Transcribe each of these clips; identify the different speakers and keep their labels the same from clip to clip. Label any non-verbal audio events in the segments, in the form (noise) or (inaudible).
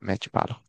Speaker 1: Mete bala.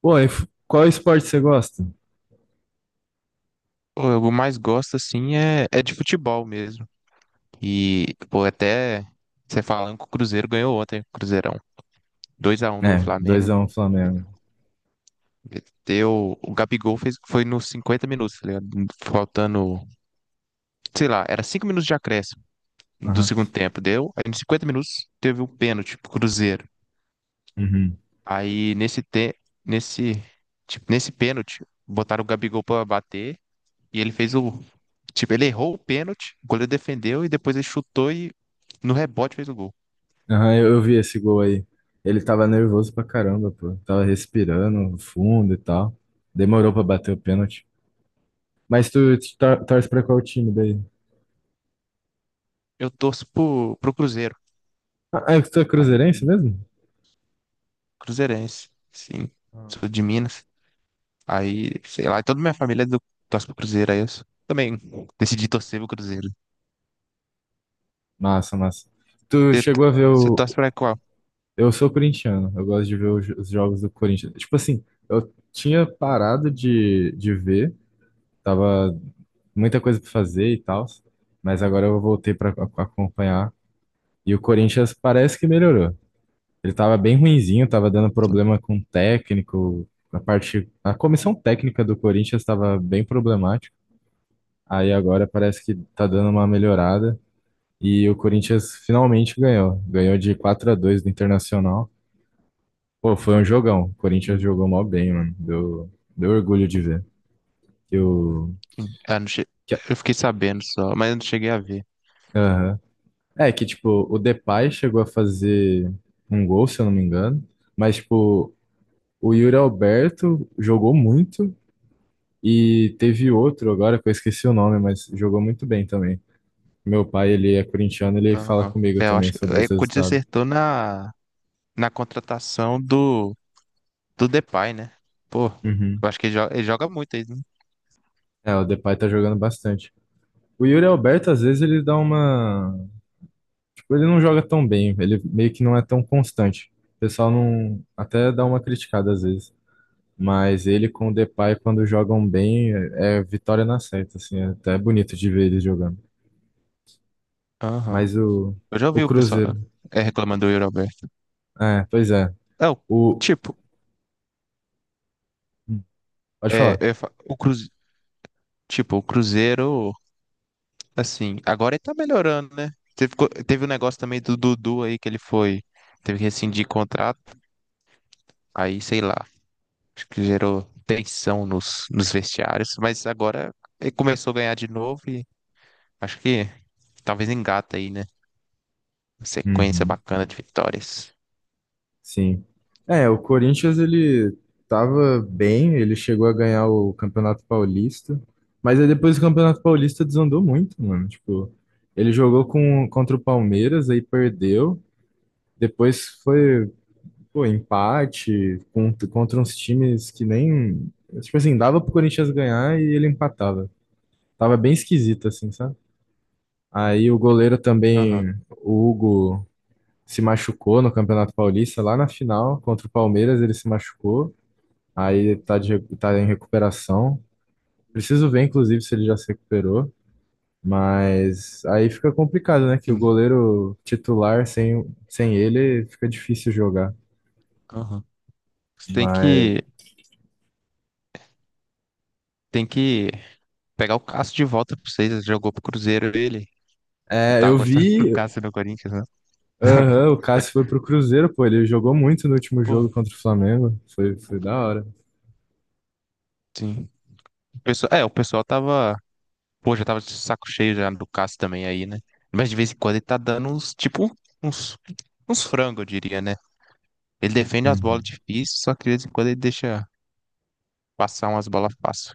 Speaker 2: Pô, e qual esporte você gosta?
Speaker 1: Pô, eu mais gosto, assim, é de futebol mesmo. E, pô, até você falando que o Cruzeiro ganhou ontem, Cruzeirão. 2-1 no
Speaker 2: É, dois
Speaker 1: Flamengo.
Speaker 2: a um Flamengo.
Speaker 1: Deu, o Gabigol fez, foi nos 50 minutos, tá ligado? Faltando, sei lá, era 5 minutos de acréscimo do
Speaker 2: Aham.
Speaker 1: segundo tempo. Deu, aí nos 50 minutos teve um pênalti pro Cruzeiro.
Speaker 2: Uhum.
Speaker 1: Aí nesse, tipo, nesse pênalti, botaram o Gabigol pra bater. E ele fez o. Tipo, ele errou o pênalti, o goleiro defendeu e depois ele chutou e no rebote fez o gol.
Speaker 2: Aham, eu vi esse gol aí. Ele tava nervoso pra caramba, pô. Tava respirando fundo e tal. Demorou pra bater o pênalti. Mas tu torce pra qual time daí?
Speaker 1: Eu torço pro Cruzeiro.
Speaker 2: Ah, é que tu é cruzeirense
Speaker 1: Aí,
Speaker 2: mesmo?
Speaker 1: cruzeirense, sim. Sou de Minas. Aí, sei lá, toda minha família é torce pro Cruzeiro, aí eu também decidi torcer pro Cruzeiro.
Speaker 2: Massa, massa. Tu
Speaker 1: Você
Speaker 2: chegou a ver
Speaker 1: você
Speaker 2: o.
Speaker 1: torce pra qual?
Speaker 2: Eu sou corintiano, eu gosto de ver os os jogos do Corinthians. Tipo assim, eu tinha parado de ver. Tava muita coisa para fazer e tal, mas agora eu voltei para acompanhar. E o Corinthians parece que melhorou. Ele tava bem ruinzinho, tava dando
Speaker 1: Sim.
Speaker 2: problema com o técnico, a comissão técnica do Corinthians estava bem problemática. Aí agora parece que tá dando uma melhorada e o Corinthians finalmente ganhou. Ganhou de 4 a 2 do Internacional. Pô, foi um jogão. O Corinthians
Speaker 1: Sim.
Speaker 2: jogou mó bem, mano. Deu orgulho de ver. Que o
Speaker 1: Ah, não che...
Speaker 2: que,
Speaker 1: Eu fiquei sabendo só, mas eu não cheguei a ver.
Speaker 2: É que, tipo, o Depay chegou a fazer um gol, se eu não me engano. Mas, tipo, o Yuri Alberto jogou muito e teve outro agora que eu esqueci o nome, mas jogou muito bem também. Meu pai, ele é corintiano, ele fala
Speaker 1: Aham.
Speaker 2: comigo
Speaker 1: É, eu
Speaker 2: também
Speaker 1: acho
Speaker 2: sobre os
Speaker 1: o Corinthians
Speaker 2: resultados.
Speaker 1: acertou na contratação do Depay, né? Pô,
Speaker 2: Uhum.
Speaker 1: eu acho que ele joga muito aí, né?
Speaker 2: É, o Depay tá jogando bastante. O Yuri Alberto, às vezes, ele dá uma. Tipo, ele não joga tão bem, ele meio que não é tão constante. O pessoal não. Até dá uma criticada às vezes. Mas ele com o Depay, quando jogam bem, é vitória na certa, assim. É até bonito de ver eles jogando.
Speaker 1: Aham.
Speaker 2: Mas o,
Speaker 1: Eu já
Speaker 2: o
Speaker 1: ouvi o pessoal
Speaker 2: Cruzeiro...
Speaker 1: reclamando do Euroberto.
Speaker 2: É, pois é.
Speaker 1: Não,
Speaker 2: O,
Speaker 1: tipo,
Speaker 2: pode falar.
Speaker 1: o Cruzeiro, tipo, assim, agora ele tá melhorando, né? Teve um negócio também do Dudu aí que ele foi, teve que rescindir contrato, aí sei lá, acho que gerou tensão nos vestiários, mas agora ele começou a ganhar de novo e acho que talvez engata aí, né? Uma sequência
Speaker 2: Uhum,
Speaker 1: bacana de vitórias.
Speaker 2: sim. É, o Corinthians, ele tava bem, ele chegou a ganhar o Campeonato Paulista. Mas aí depois o Campeonato Paulista desandou muito, mano. Tipo, ele jogou contra o Palmeiras, aí perdeu. Depois foi. Pô, empate contra uns times que nem. Tipo assim, dava pro Corinthians ganhar e ele empatava. Tava bem esquisito, assim, sabe? Aí o goleiro
Speaker 1: Aham.
Speaker 2: também, o Hugo, se machucou no Campeonato Paulista, lá na final, contra o Palmeiras, ele se machucou. Aí tá em recuperação. Preciso ver, inclusive, se ele já se recuperou. Mas aí fica complicado, né? Que o
Speaker 1: Sim.
Speaker 2: goleiro titular, sem ele, fica difícil jogar.
Speaker 1: Aham. Você tem
Speaker 2: Mas.
Speaker 1: que, tem que pegar o Cássio de volta pra vocês. Ele jogou pro Cruzeiro ele. Não
Speaker 2: É,
Speaker 1: tava
Speaker 2: eu
Speaker 1: gostando do
Speaker 2: vi.
Speaker 1: Cássio no Corinthians, né?
Speaker 2: Aham,
Speaker 1: (laughs)
Speaker 2: o Cássio foi pro Cruzeiro, pô. Ele jogou muito no último
Speaker 1: Pô,
Speaker 2: jogo contra o Flamengo. Foi da hora.
Speaker 1: sim. O pessoal tava. Pô, já tava de saco cheio já do Cássio também aí, né? Mas de vez em quando ele tá dando uns, tipo, uns, uns frangos, eu diria, né? Ele defende as bolas
Speaker 2: Uhum,
Speaker 1: difíceis, só que de vez em quando ele deixa passar umas bolas fáceis.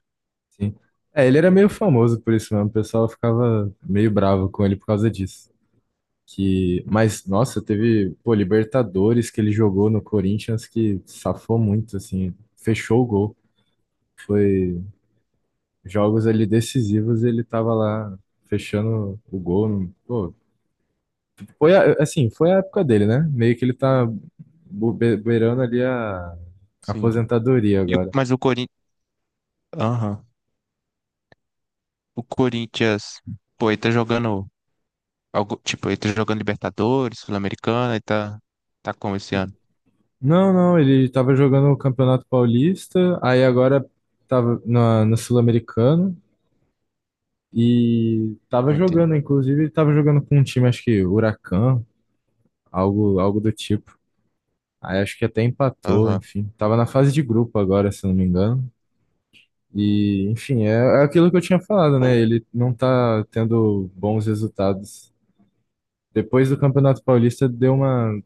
Speaker 2: sim. É, ele era meio famoso por isso mesmo. O pessoal ficava meio bravo com ele por causa disso. Que... Mas, nossa, teve, pô, Libertadores que ele jogou no Corinthians que safou muito, assim. Fechou o gol. Foi jogos ali decisivos e ele tava lá fechando o gol. Pô, assim, foi a época dele, né? Meio que ele tá beirando ali a
Speaker 1: Sim.
Speaker 2: aposentadoria agora.
Speaker 1: Mas o Corinthians. Aham. O Corinthians. Pô, ele tá jogando. Algo, tipo, ele tá jogando Libertadores, Sul-Americana, ele tá. Tá como esse ano?
Speaker 2: Não, não, ele tava jogando o Campeonato Paulista, aí agora tava no Sul-Americano e tava
Speaker 1: Ah, entendi.
Speaker 2: jogando, inclusive ele tava jogando com um time, acho que Huracan, algo do tipo. Aí acho que até empatou,
Speaker 1: Aham.
Speaker 2: enfim. Tava na fase de grupo agora, se não me engano. E, enfim, é, é aquilo que eu tinha falado, né? Ele não tá tendo bons resultados. Depois do Campeonato Paulista deu uma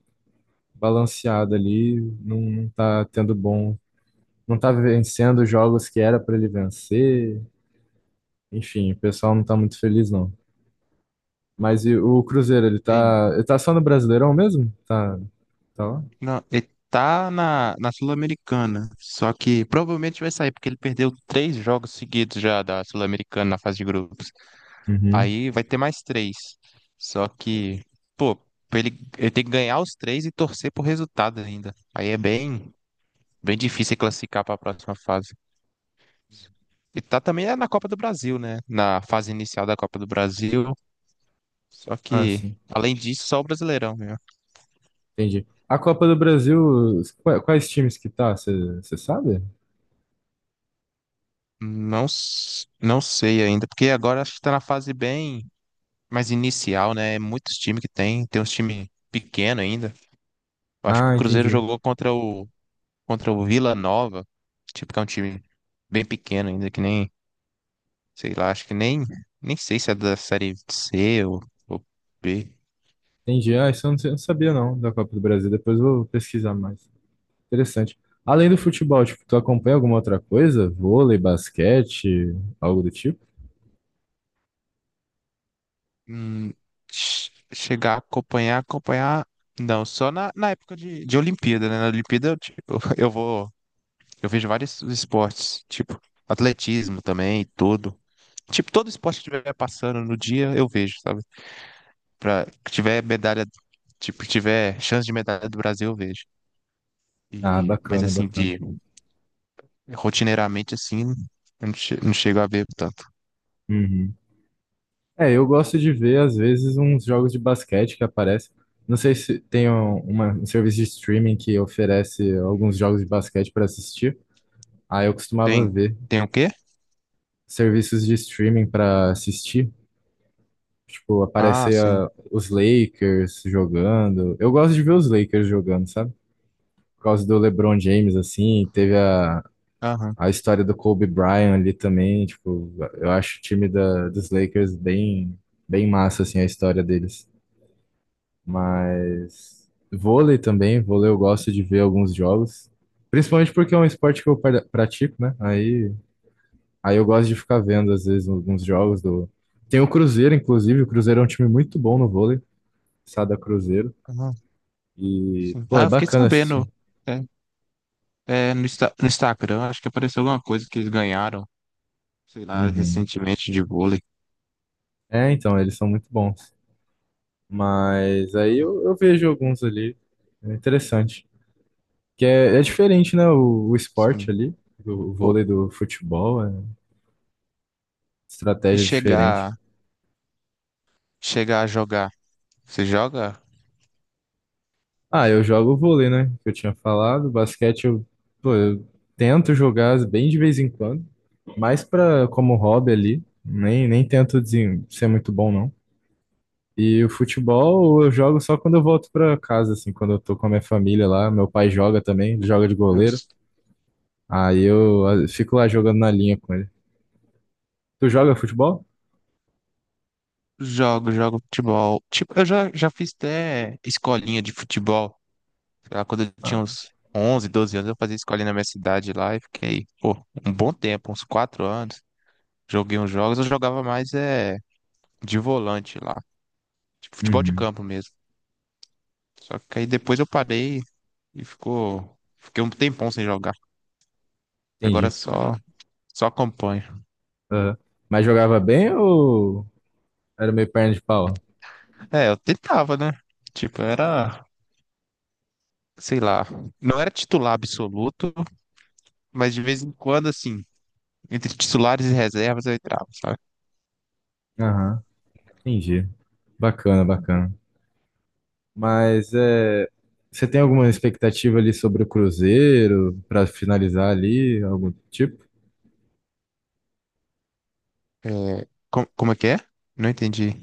Speaker 2: balanceado ali, não tá tendo bom, não tá vencendo os jogos que era para ele vencer. Enfim, o pessoal não tá muito feliz não. Mas e o Cruzeiro,
Speaker 1: Tem-
Speaker 2: ele tá só no Brasileirão mesmo? Tá, tá lá?
Speaker 1: Não, ele tá na Sul-Americana, só que provavelmente vai sair, porque ele perdeu 3 jogos seguidos já da Sul-Americana na fase de grupos.
Speaker 2: Uhum.
Speaker 1: Aí vai ter mais três. Só que, pô, pra ele, ele tem que ganhar os três e torcer por resultado ainda. Aí é bem, bem difícil ele classificar para a próxima fase. E tá também é na Copa do Brasil, né? Na fase inicial da Copa do Brasil. Só
Speaker 2: Ah,
Speaker 1: que,
Speaker 2: sim.
Speaker 1: além disso, só o Brasileirão, né?
Speaker 2: Entendi. A Copa do Brasil, quais times que tá? Você sabe?
Speaker 1: Não, não sei ainda, porque agora acho que tá na fase bem mais inicial, né? É. Muitos times que tem uns times pequeno ainda. Eu acho que o
Speaker 2: Ah,
Speaker 1: Cruzeiro
Speaker 2: entendi.
Speaker 1: jogou contra o Vila Nova, tipo que é um time bem pequeno ainda, que nem, sei lá, acho que nem sei se é da série C ou B.
Speaker 2: Entendi. Ah, eu não sabia não da Copa do Brasil. Depois eu vou pesquisar mais. Interessante. Além do futebol, tipo, tu acompanha alguma outra coisa? Vôlei, basquete, algo do tipo?
Speaker 1: Hum, chegar a acompanhar, não, só na época de Olimpíada, né? Na Olimpíada eu, tipo, (laughs) eu vejo vários esportes, tipo atletismo também e tudo. Tipo, todo esporte que tiver passando no dia, eu vejo, sabe? Que tiver medalha, tipo, que tiver chance de medalha do Brasil, eu vejo.
Speaker 2: Ah,
Speaker 1: E, mas
Speaker 2: bacana,
Speaker 1: assim,
Speaker 2: bacana.
Speaker 1: de rotineiramente assim, eu não, che- não chego a ver tanto.
Speaker 2: Uhum. É, eu gosto de ver, às vezes, uns jogos de basquete que aparecem. Não sei se tem um serviço de streaming que oferece alguns jogos de basquete para assistir. Aí eu costumava
Speaker 1: Tem,
Speaker 2: ver
Speaker 1: tem o quê?
Speaker 2: serviços de streaming para assistir. Tipo,
Speaker 1: Ah,
Speaker 2: aparecia
Speaker 1: sim.
Speaker 2: os Lakers jogando. Eu gosto de ver os Lakers jogando, sabe? Por causa do LeBron James, assim, teve a.
Speaker 1: Aham.
Speaker 2: A história do Kobe Bryant ali também, tipo, eu acho o time dos Lakers bem, bem massa, assim, a história deles. Mas vôlei também, vôlei eu gosto de ver alguns jogos, principalmente porque é um esporte que eu pratico, né? Aí eu gosto de ficar vendo, às vezes, alguns jogos do... Tem o Cruzeiro, inclusive, o Cruzeiro é um time muito bom no vôlei, Sada Cruzeiro,
Speaker 1: Aham,
Speaker 2: e,
Speaker 1: sim.
Speaker 2: pô,
Speaker 1: Ah,
Speaker 2: é
Speaker 1: eu fiquei
Speaker 2: bacana
Speaker 1: sabendo.
Speaker 2: assistir.
Speaker 1: É, no Instagram, acho que apareceu alguma coisa que eles ganharam, sei lá,
Speaker 2: Uhum.
Speaker 1: recentemente de vôlei.
Speaker 2: É, então, eles são muito bons. Mas aí
Speaker 1: Aham.
Speaker 2: eu vejo alguns ali. É interessante. Que é, é diferente, né? O esporte
Speaker 1: Sim.
Speaker 2: ali, do
Speaker 1: Pô,
Speaker 2: vôlei do futebol, é
Speaker 1: se
Speaker 2: estratégia diferente.
Speaker 1: chegar a jogar. Você joga?
Speaker 2: Ah, eu jogo vôlei, né? Que eu tinha falado. Pô, eu tento jogar bem de vez em quando, mais pra, como hobby ali. Nem tento ser muito bom, não. E o futebol eu jogo só quando eu volto pra casa, assim, quando eu tô com a minha família lá. Meu pai joga também, ele joga de
Speaker 1: Eu
Speaker 2: goleiro.
Speaker 1: s-
Speaker 2: Aí eu ah, fico lá jogando na linha com ele. Tu joga futebol?
Speaker 1: jogo, jogo futebol. Tipo, eu já fiz até escolinha de futebol. Sei lá, quando eu
Speaker 2: Ah,
Speaker 1: tinha uns 11 12 anos, eu fazia escolinha na minha cidade lá e fiquei, pô, um bom tempo, uns 4 anos. Joguei uns jogos, eu jogava mais de volante lá. Tipo, futebol de
Speaker 2: uhum,
Speaker 1: campo mesmo. Só que aí depois eu parei e ficou. Fiquei um tempão sem jogar. Agora
Speaker 2: entendi.
Speaker 1: só acompanho.
Speaker 2: Aham. Mas jogava bem ou era meio perna de pau?
Speaker 1: É, eu tentava, né? Tipo, era. Sei lá, não era titular absoluto, mas de vez em quando, assim, entre titulares e reservas eu entrava, sabe?
Speaker 2: Aham, entendi. Bacana, bacana. Mas é, você tem alguma expectativa ali sobre o Cruzeiro para finalizar ali, algum tipo?
Speaker 1: É, como é que é? Não entendi.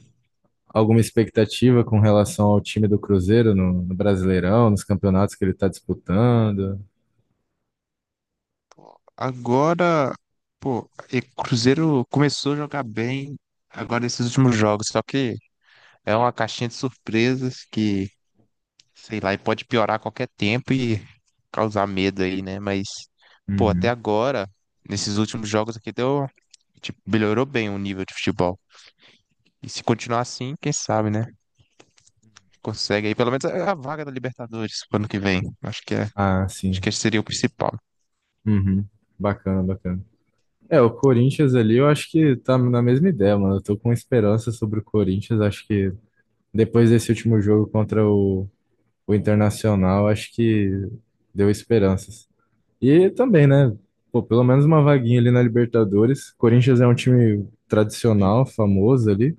Speaker 2: Alguma expectativa com relação ao time do Cruzeiro no Brasileirão, nos campeonatos que ele está disputando?
Speaker 1: Agora, pô, e Cruzeiro começou a jogar bem agora nesses últimos jogos, só que é uma caixinha de surpresas que sei lá, e pode piorar a qualquer tempo e causar medo aí, né? Mas, pô, até
Speaker 2: Uhum.
Speaker 1: agora, nesses últimos jogos aqui, deu, tipo, melhorou bem o nível de futebol. E se continuar assim, quem sabe, né? Consegue aí pelo menos a vaga da Libertadores pro ano que vem.
Speaker 2: Ah,
Speaker 1: Acho
Speaker 2: sim.
Speaker 1: que esse seria o principal.
Speaker 2: Uhum. Bacana, bacana. É, o Corinthians ali, eu acho que tá na mesma ideia, mano. Eu tô com esperança sobre o Corinthians. Acho que depois desse último jogo o Internacional, acho que deu esperanças. E também, né? Pô, pelo menos uma vaguinha ali na Libertadores. Corinthians é um time
Speaker 1: Sim,
Speaker 2: tradicional, famoso ali.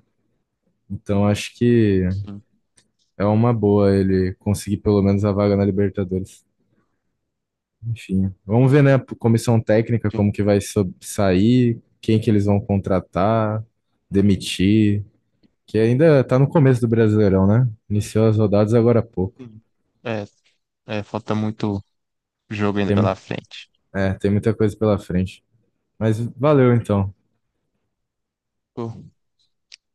Speaker 2: Então acho que
Speaker 1: sim,
Speaker 2: é uma boa ele conseguir pelo menos a vaga na Libertadores. Enfim, vamos ver, né, a comissão técnica,
Speaker 1: sim.
Speaker 2: como que vai sair, quem que eles vão contratar, demitir, que ainda tá no começo do Brasileirão, né? Iniciou as rodadas agora há pouco.
Speaker 1: Sim. É, é, falta muito jogo ainda
Speaker 2: Tem,
Speaker 1: pela frente.
Speaker 2: é, tem muita coisa pela frente. Mas valeu então.
Speaker 1: Pô,